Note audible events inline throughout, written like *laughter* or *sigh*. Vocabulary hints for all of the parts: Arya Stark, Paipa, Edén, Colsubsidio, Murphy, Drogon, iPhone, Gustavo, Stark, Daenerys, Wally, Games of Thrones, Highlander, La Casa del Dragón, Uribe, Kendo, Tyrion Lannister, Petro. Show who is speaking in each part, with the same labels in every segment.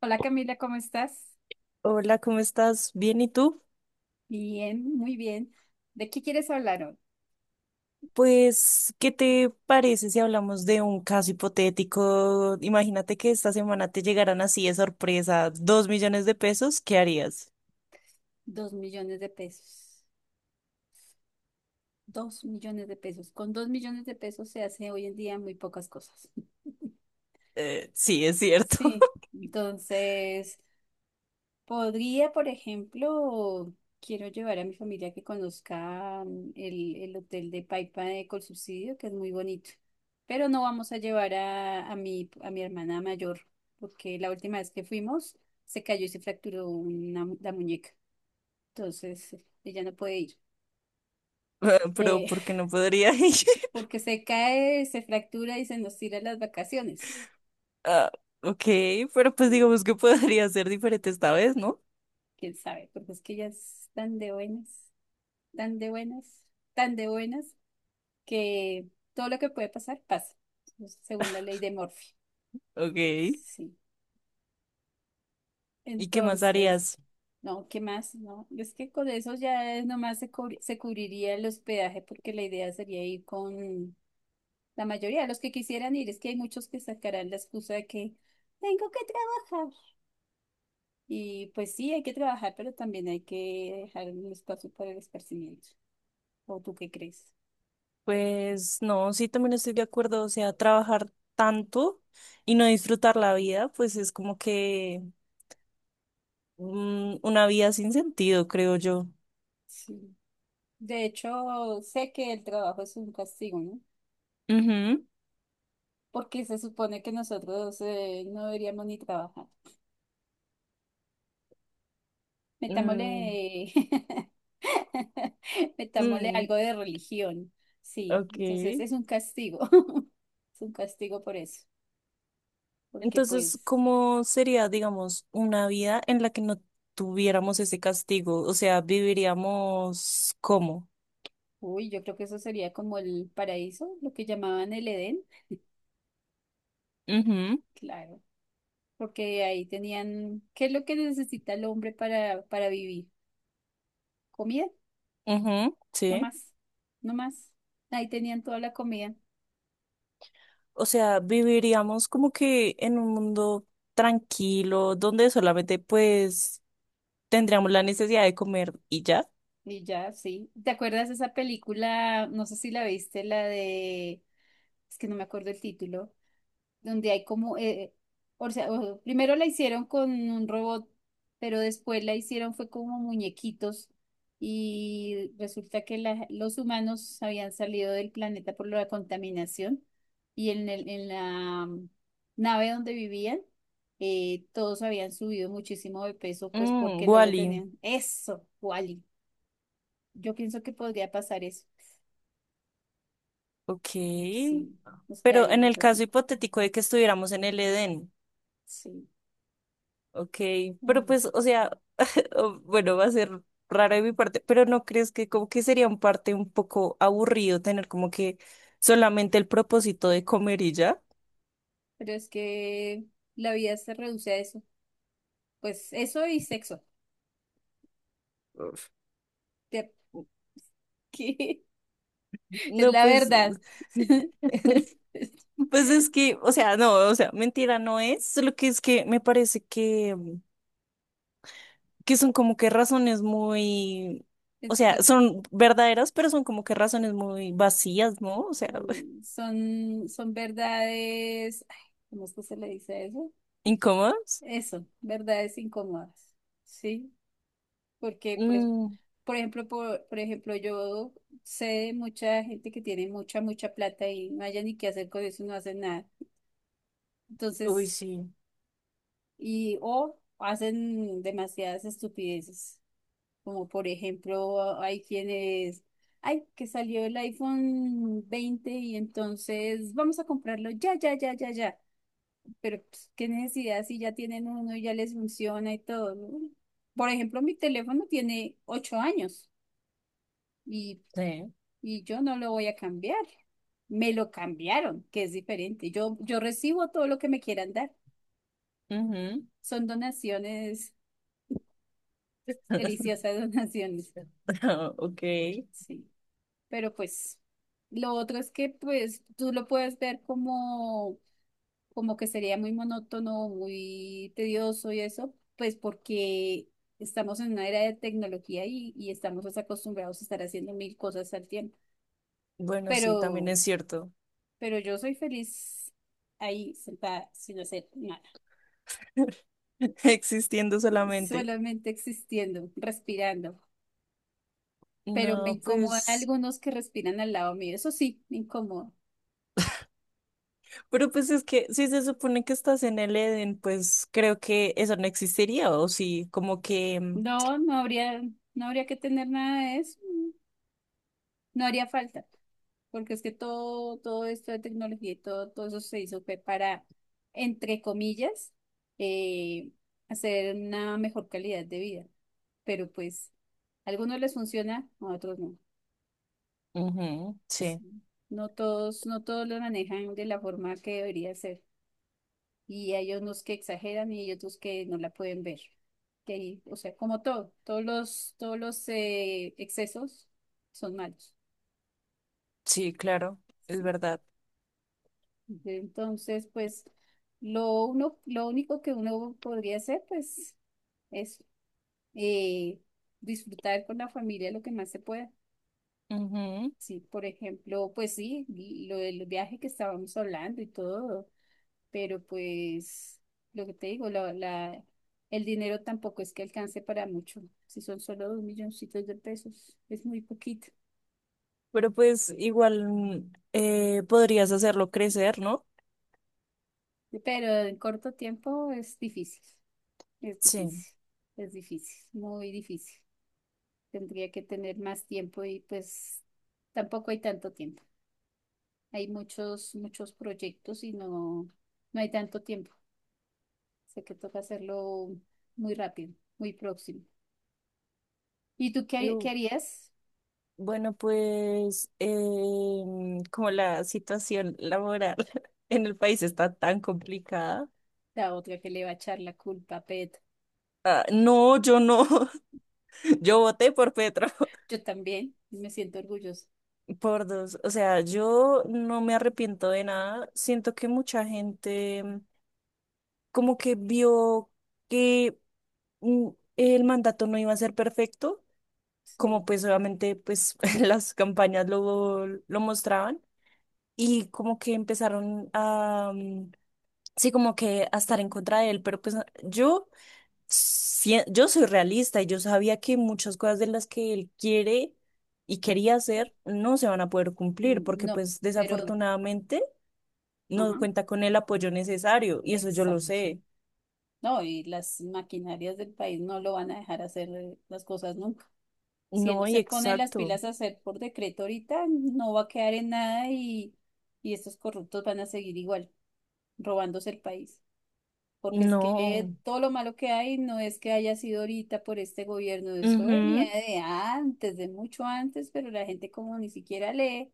Speaker 1: Hola, Camila, ¿cómo estás?
Speaker 2: Hola, ¿cómo estás? ¿Bien y tú?
Speaker 1: Bien, muy bien. ¿De qué quieres hablar hoy?
Speaker 2: Pues, ¿qué te parece si hablamos de un caso hipotético? Imagínate que esta semana te llegaran así de sorpresa 2 millones de pesos, ¿qué harías?
Speaker 1: Dos millones de pesos. Dos millones de pesos. Con dos millones de pesos se hace hoy en día muy pocas cosas. *laughs*
Speaker 2: Sí, es cierto.
Speaker 1: Sí, entonces podría, por ejemplo, quiero llevar a mi familia que conozca el hotel de Paipa de Colsubsidio, que es muy bonito. Pero no vamos a llevar a mi hermana mayor, porque la última vez que fuimos se cayó y se fracturó la muñeca. Entonces, ella no puede ir.
Speaker 2: *laughs* Ah, pero
Speaker 1: Eh,
Speaker 2: ¿por qué no podría ir?
Speaker 1: *laughs*
Speaker 2: *laughs*
Speaker 1: porque se cae, se fractura y se nos tira las vacaciones.
Speaker 2: Ah, ok, pero pues digamos que podría ser diferente esta vez, ¿no?
Speaker 1: ¿Quién sabe? Porque es que ella es tan de buenas, tan de buenas, tan de buenas, que todo lo que puede pasar, pasa, pues, según la ley de Murphy.
Speaker 2: Ok, ¿y
Speaker 1: Sí.
Speaker 2: qué más
Speaker 1: Entonces,
Speaker 2: harías?
Speaker 1: no, ¿qué más? No, es que con eso ya es nomás se cubriría el hospedaje, porque la idea sería ir con la mayoría de los que quisieran ir. Es que hay muchos que sacarán la excusa de que tengo que trabajar. Y pues sí, hay que trabajar, pero también hay que dejar un espacio para el esparcimiento. ¿O tú qué crees?
Speaker 2: Pues no, sí, también estoy de acuerdo, o sea, trabajar tanto y no disfrutar la vida, pues es como que... una vida sin sentido, creo yo.
Speaker 1: Sí. De hecho, sé que el trabajo es un castigo, ¿no?
Speaker 2: Ujú.
Speaker 1: Porque se supone que nosotros no deberíamos ni trabajar. Metámosle,
Speaker 2: Mm,
Speaker 1: *laughs* metámosle
Speaker 2: mm,
Speaker 1: algo de religión. Sí, entonces
Speaker 2: ok.
Speaker 1: es un castigo. *laughs* Es un castigo por eso, porque
Speaker 2: Entonces,
Speaker 1: pues,
Speaker 2: ¿cómo sería, digamos, una vida en la que no tuviéramos ese castigo? O sea, viviríamos cómo...
Speaker 1: uy, yo creo que eso sería como el paraíso, lo que llamaban el Edén,
Speaker 2: Ujú.
Speaker 1: claro, porque ahí tenían, ¿qué es lo que necesita el hombre para vivir? Comida,
Speaker 2: Ujú,
Speaker 1: no
Speaker 2: sí.
Speaker 1: más, no más. Ahí tenían toda la comida
Speaker 2: O sea, viviríamos como que en un mundo tranquilo, donde solamente pues tendríamos la necesidad de comer y ya.
Speaker 1: y ya, sí. ¿Te acuerdas de esa película? No sé si la viste, la de, es que no me acuerdo el título, donde hay como, primero la hicieron con un robot, pero después la hicieron fue como muñequitos y resulta que los humanos habían salido del planeta por la contaminación y en la nave donde vivían, todos habían subido muchísimo de peso, pues
Speaker 2: Mm,
Speaker 1: porque no se
Speaker 2: Wally,
Speaker 1: tenían. Eso, Wally. Yo pienso que podría pasar eso.
Speaker 2: ok.
Speaker 1: Sí, nos
Speaker 2: Pero en
Speaker 1: quedaríamos
Speaker 2: el caso
Speaker 1: así.
Speaker 2: hipotético de que estuviéramos en el Edén.
Speaker 1: Sí.
Speaker 2: Ok, pero
Speaker 1: Mm.
Speaker 2: pues, o sea, *laughs* bueno, va a ser raro de mi parte, pero ¿no crees que como que sería un parte un poco aburrido tener como que solamente el propósito de comer y ya?
Speaker 1: Pero es que la vida se reduce a eso. Pues eso y sexo.
Speaker 2: Uf.
Speaker 1: Te- *laughs* que Es
Speaker 2: No,
Speaker 1: la
Speaker 2: pues,
Speaker 1: verdad. *laughs*
Speaker 2: *laughs* pues es que, o sea, no, o sea, mentira no es, solo que es que me parece que son como que razones muy, o
Speaker 1: Es- la- es
Speaker 2: sea,
Speaker 1: lo-
Speaker 2: son verdaderas, pero son como que razones muy vacías, ¿no? O sea, *laughs*
Speaker 1: son, son verdades. Ay, ¿cómo es que se le dice a eso?
Speaker 2: incómodas.
Speaker 1: Eso, verdades incómodas. ¿Sí? Porque, pues,
Speaker 2: Mm,
Speaker 1: por ejemplo, yo sé de mucha gente que tiene mucha plata y no haya ni qué hacer con eso, no hacen nada.
Speaker 2: uy,
Speaker 1: Entonces,
Speaker 2: sí.
Speaker 1: y o hacen demasiadas estupideces. Como por ejemplo, hay quienes, ay, que salió el iPhone 20 y entonces vamos a comprarlo, ya, ya, ya, ya, ya. Pero pues, qué necesidad si ya tienen uno y ya les funciona y todo, ¿no? Por ejemplo, mi teléfono tiene 8 años y,
Speaker 2: Sí.
Speaker 1: y yo no lo voy a cambiar. Me lo cambiaron, que es diferente. Yo recibo todo lo que me quieran dar.
Speaker 2: Ujú.
Speaker 1: Son donaciones,
Speaker 2: *laughs*
Speaker 1: deliciosas *laughs* donaciones.
Speaker 2: Ok.
Speaker 1: Sí. Pero pues lo otro es que pues tú lo puedes ver como, como que sería muy monótono, muy tedioso y eso, pues porque estamos en una era de tecnología y estamos, pues, acostumbrados a estar haciendo mil cosas al tiempo.
Speaker 2: Bueno, sí, también
Speaker 1: Pero,
Speaker 2: es cierto.
Speaker 1: pero yo soy feliz ahí sentada sin hacer nada,
Speaker 2: *laughs* Existiendo solamente.
Speaker 1: solamente existiendo, respirando. Pero me
Speaker 2: No,
Speaker 1: incomoda
Speaker 2: pues,
Speaker 1: algunos que respiran al lado mío, eso sí, me incomoda.
Speaker 2: pero pues es que si se supone que estás en el Edén, pues creo que eso no existiría, o sí, como que... mm,
Speaker 1: No, no habría, no habría que tener nada de eso. No haría falta, porque es que todo esto de tecnología y todo, todo eso se hizo fue para, entre comillas, eh, hacer una mejor calidad de vida. Pero pues, a algunos les funciona, a otros no.
Speaker 2: ujú, sí,
Speaker 1: Sí. No todos lo manejan de la forma que debería ser. Y hay unos que exageran y hay otros que no la pueden ver. Que ahí, o sea, como todo, todos los excesos son malos.
Speaker 2: sí, claro, es
Speaker 1: Sí.
Speaker 2: verdad.
Speaker 1: Entonces, pues lo único que uno podría hacer, pues, es eh, disfrutar con la familia lo que más se pueda.
Speaker 2: Ujú.
Speaker 1: Sí, por ejemplo, pues sí, y lo del viaje que estábamos hablando y todo, pero pues lo que te digo, el dinero tampoco es que alcance para mucho. Si son solo dos milloncitos de pesos, es muy poquito.
Speaker 2: Pero pues igual podrías hacerlo crecer, ¿no?
Speaker 1: Pero en corto tiempo es difícil, es
Speaker 2: Sí.
Speaker 1: difícil, es difícil, muy difícil. Tendría que tener más tiempo y pues tampoco hay tanto tiempo. Hay muchos, muchos proyectos y no, no hay tanto tiempo. Sé que toca hacerlo muy rápido, muy próximo. ¿Y tú qué, qué harías?
Speaker 2: Bueno, pues como la situación laboral *laughs* en el país está tan complicada.
Speaker 1: La otra que le va a echar la culpa a Pet.
Speaker 2: Ah, no, yo no. *laughs* Yo voté por Petro,
Speaker 1: Yo también me siento orgullosa.
Speaker 2: *laughs* por dos. O sea, yo no me arrepiento de nada. Siento que mucha gente como que vio que mm, el mandato no iba a ser perfecto,
Speaker 1: Sí.
Speaker 2: como pues obviamente pues *laughs* las campañas lo mostraban y como que empezaron a... mm, sí, como que a estar en contra de él, pero pues yo, yo soy realista y yo sabía que muchas cosas de las que él quiere y quería hacer no se van a poder cumplir
Speaker 1: Mm,
Speaker 2: porque
Speaker 1: no,
Speaker 2: pues
Speaker 1: pero,
Speaker 2: desafortunadamente no
Speaker 1: ajá,
Speaker 2: cuenta con el apoyo necesario y eso yo lo
Speaker 1: exacto.
Speaker 2: sé.
Speaker 1: No, y las maquinarias del país no lo van a dejar hacer las cosas nunca. Si él no
Speaker 2: No, y
Speaker 1: se pone las
Speaker 2: exacto,
Speaker 1: pilas a hacer por decreto ahorita, no va a quedar en nada y estos corruptos van a seguir igual, robándose el país. Porque es que
Speaker 2: no.
Speaker 1: todo lo malo que hay no es que haya sido ahorita por este gobierno, eso venía
Speaker 2: Ujú.
Speaker 1: de antes, de mucho antes, pero la gente como ni siquiera lee,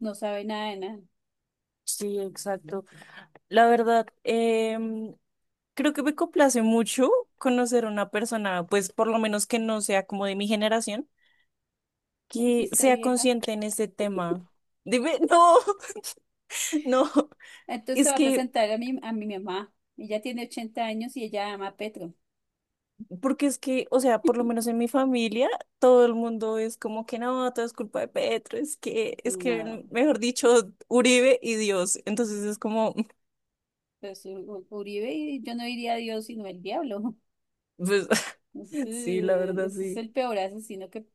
Speaker 1: no sabe nada de nada.
Speaker 2: Sí, exacto. La verdad, creo que me complace mucho conocer a una persona, pues por lo menos que no sea como de mi generación
Speaker 1: Me
Speaker 2: que
Speaker 1: dijiste
Speaker 2: sea
Speaker 1: vieja.
Speaker 2: consciente en este tema. Dime, no, *laughs* no,
Speaker 1: Entonces se
Speaker 2: es
Speaker 1: va a
Speaker 2: que,
Speaker 1: presentar a a mi mamá. Ella tiene 80 años y ella ama a Petro.
Speaker 2: porque es que, o sea, por lo menos en mi familia, todo el mundo es como que no, todo es culpa de Petro, es que, es
Speaker 1: No,
Speaker 2: que, mejor dicho, Uribe y Dios. Entonces es como,
Speaker 1: pues Uribe, y yo no diría a Dios sino el diablo.
Speaker 2: *laughs* pues, *laughs* sí, la verdad,
Speaker 1: Ese es
Speaker 2: sí,
Speaker 1: el peor asesino que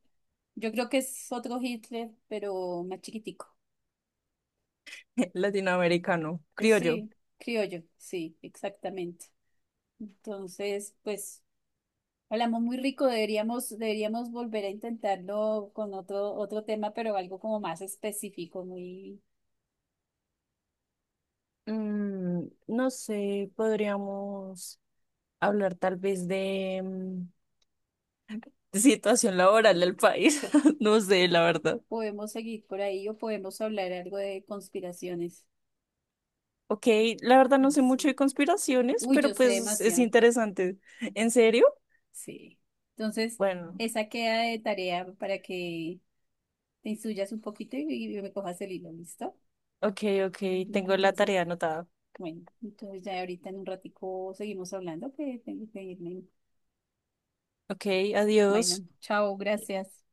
Speaker 1: yo creo que es otro Hitler, pero más chiquitico.
Speaker 2: *laughs* latinoamericano,
Speaker 1: Pues
Speaker 2: criollo.
Speaker 1: sí, criollo, sí, exactamente. Entonces, pues hablamos muy rico, deberíamos volver a intentarlo con otro tema, pero algo como más específico, muy,
Speaker 2: No sé, podríamos hablar tal vez de situación laboral del país, *laughs* no sé, la verdad.
Speaker 1: podemos seguir por ahí o podemos hablar algo de conspiraciones.
Speaker 2: Ok, la verdad no sé mucho
Speaker 1: Sí.
Speaker 2: de conspiraciones,
Speaker 1: Uy, yo
Speaker 2: pero
Speaker 1: sé
Speaker 2: pues es
Speaker 1: demasiado.
Speaker 2: interesante. ¿En serio?
Speaker 1: Sí. Entonces,
Speaker 2: Bueno,
Speaker 1: esa queda de tarea para que te instruyas un poquito y me cojas el hilo, ¿listo?
Speaker 2: ok, ok, tengo la
Speaker 1: Entonces,
Speaker 2: tarea anotada.
Speaker 1: bueno, entonces ya ahorita en un ratico seguimos hablando, que tengo que irme.
Speaker 2: Ok, adiós.
Speaker 1: Bueno, chao, gracias.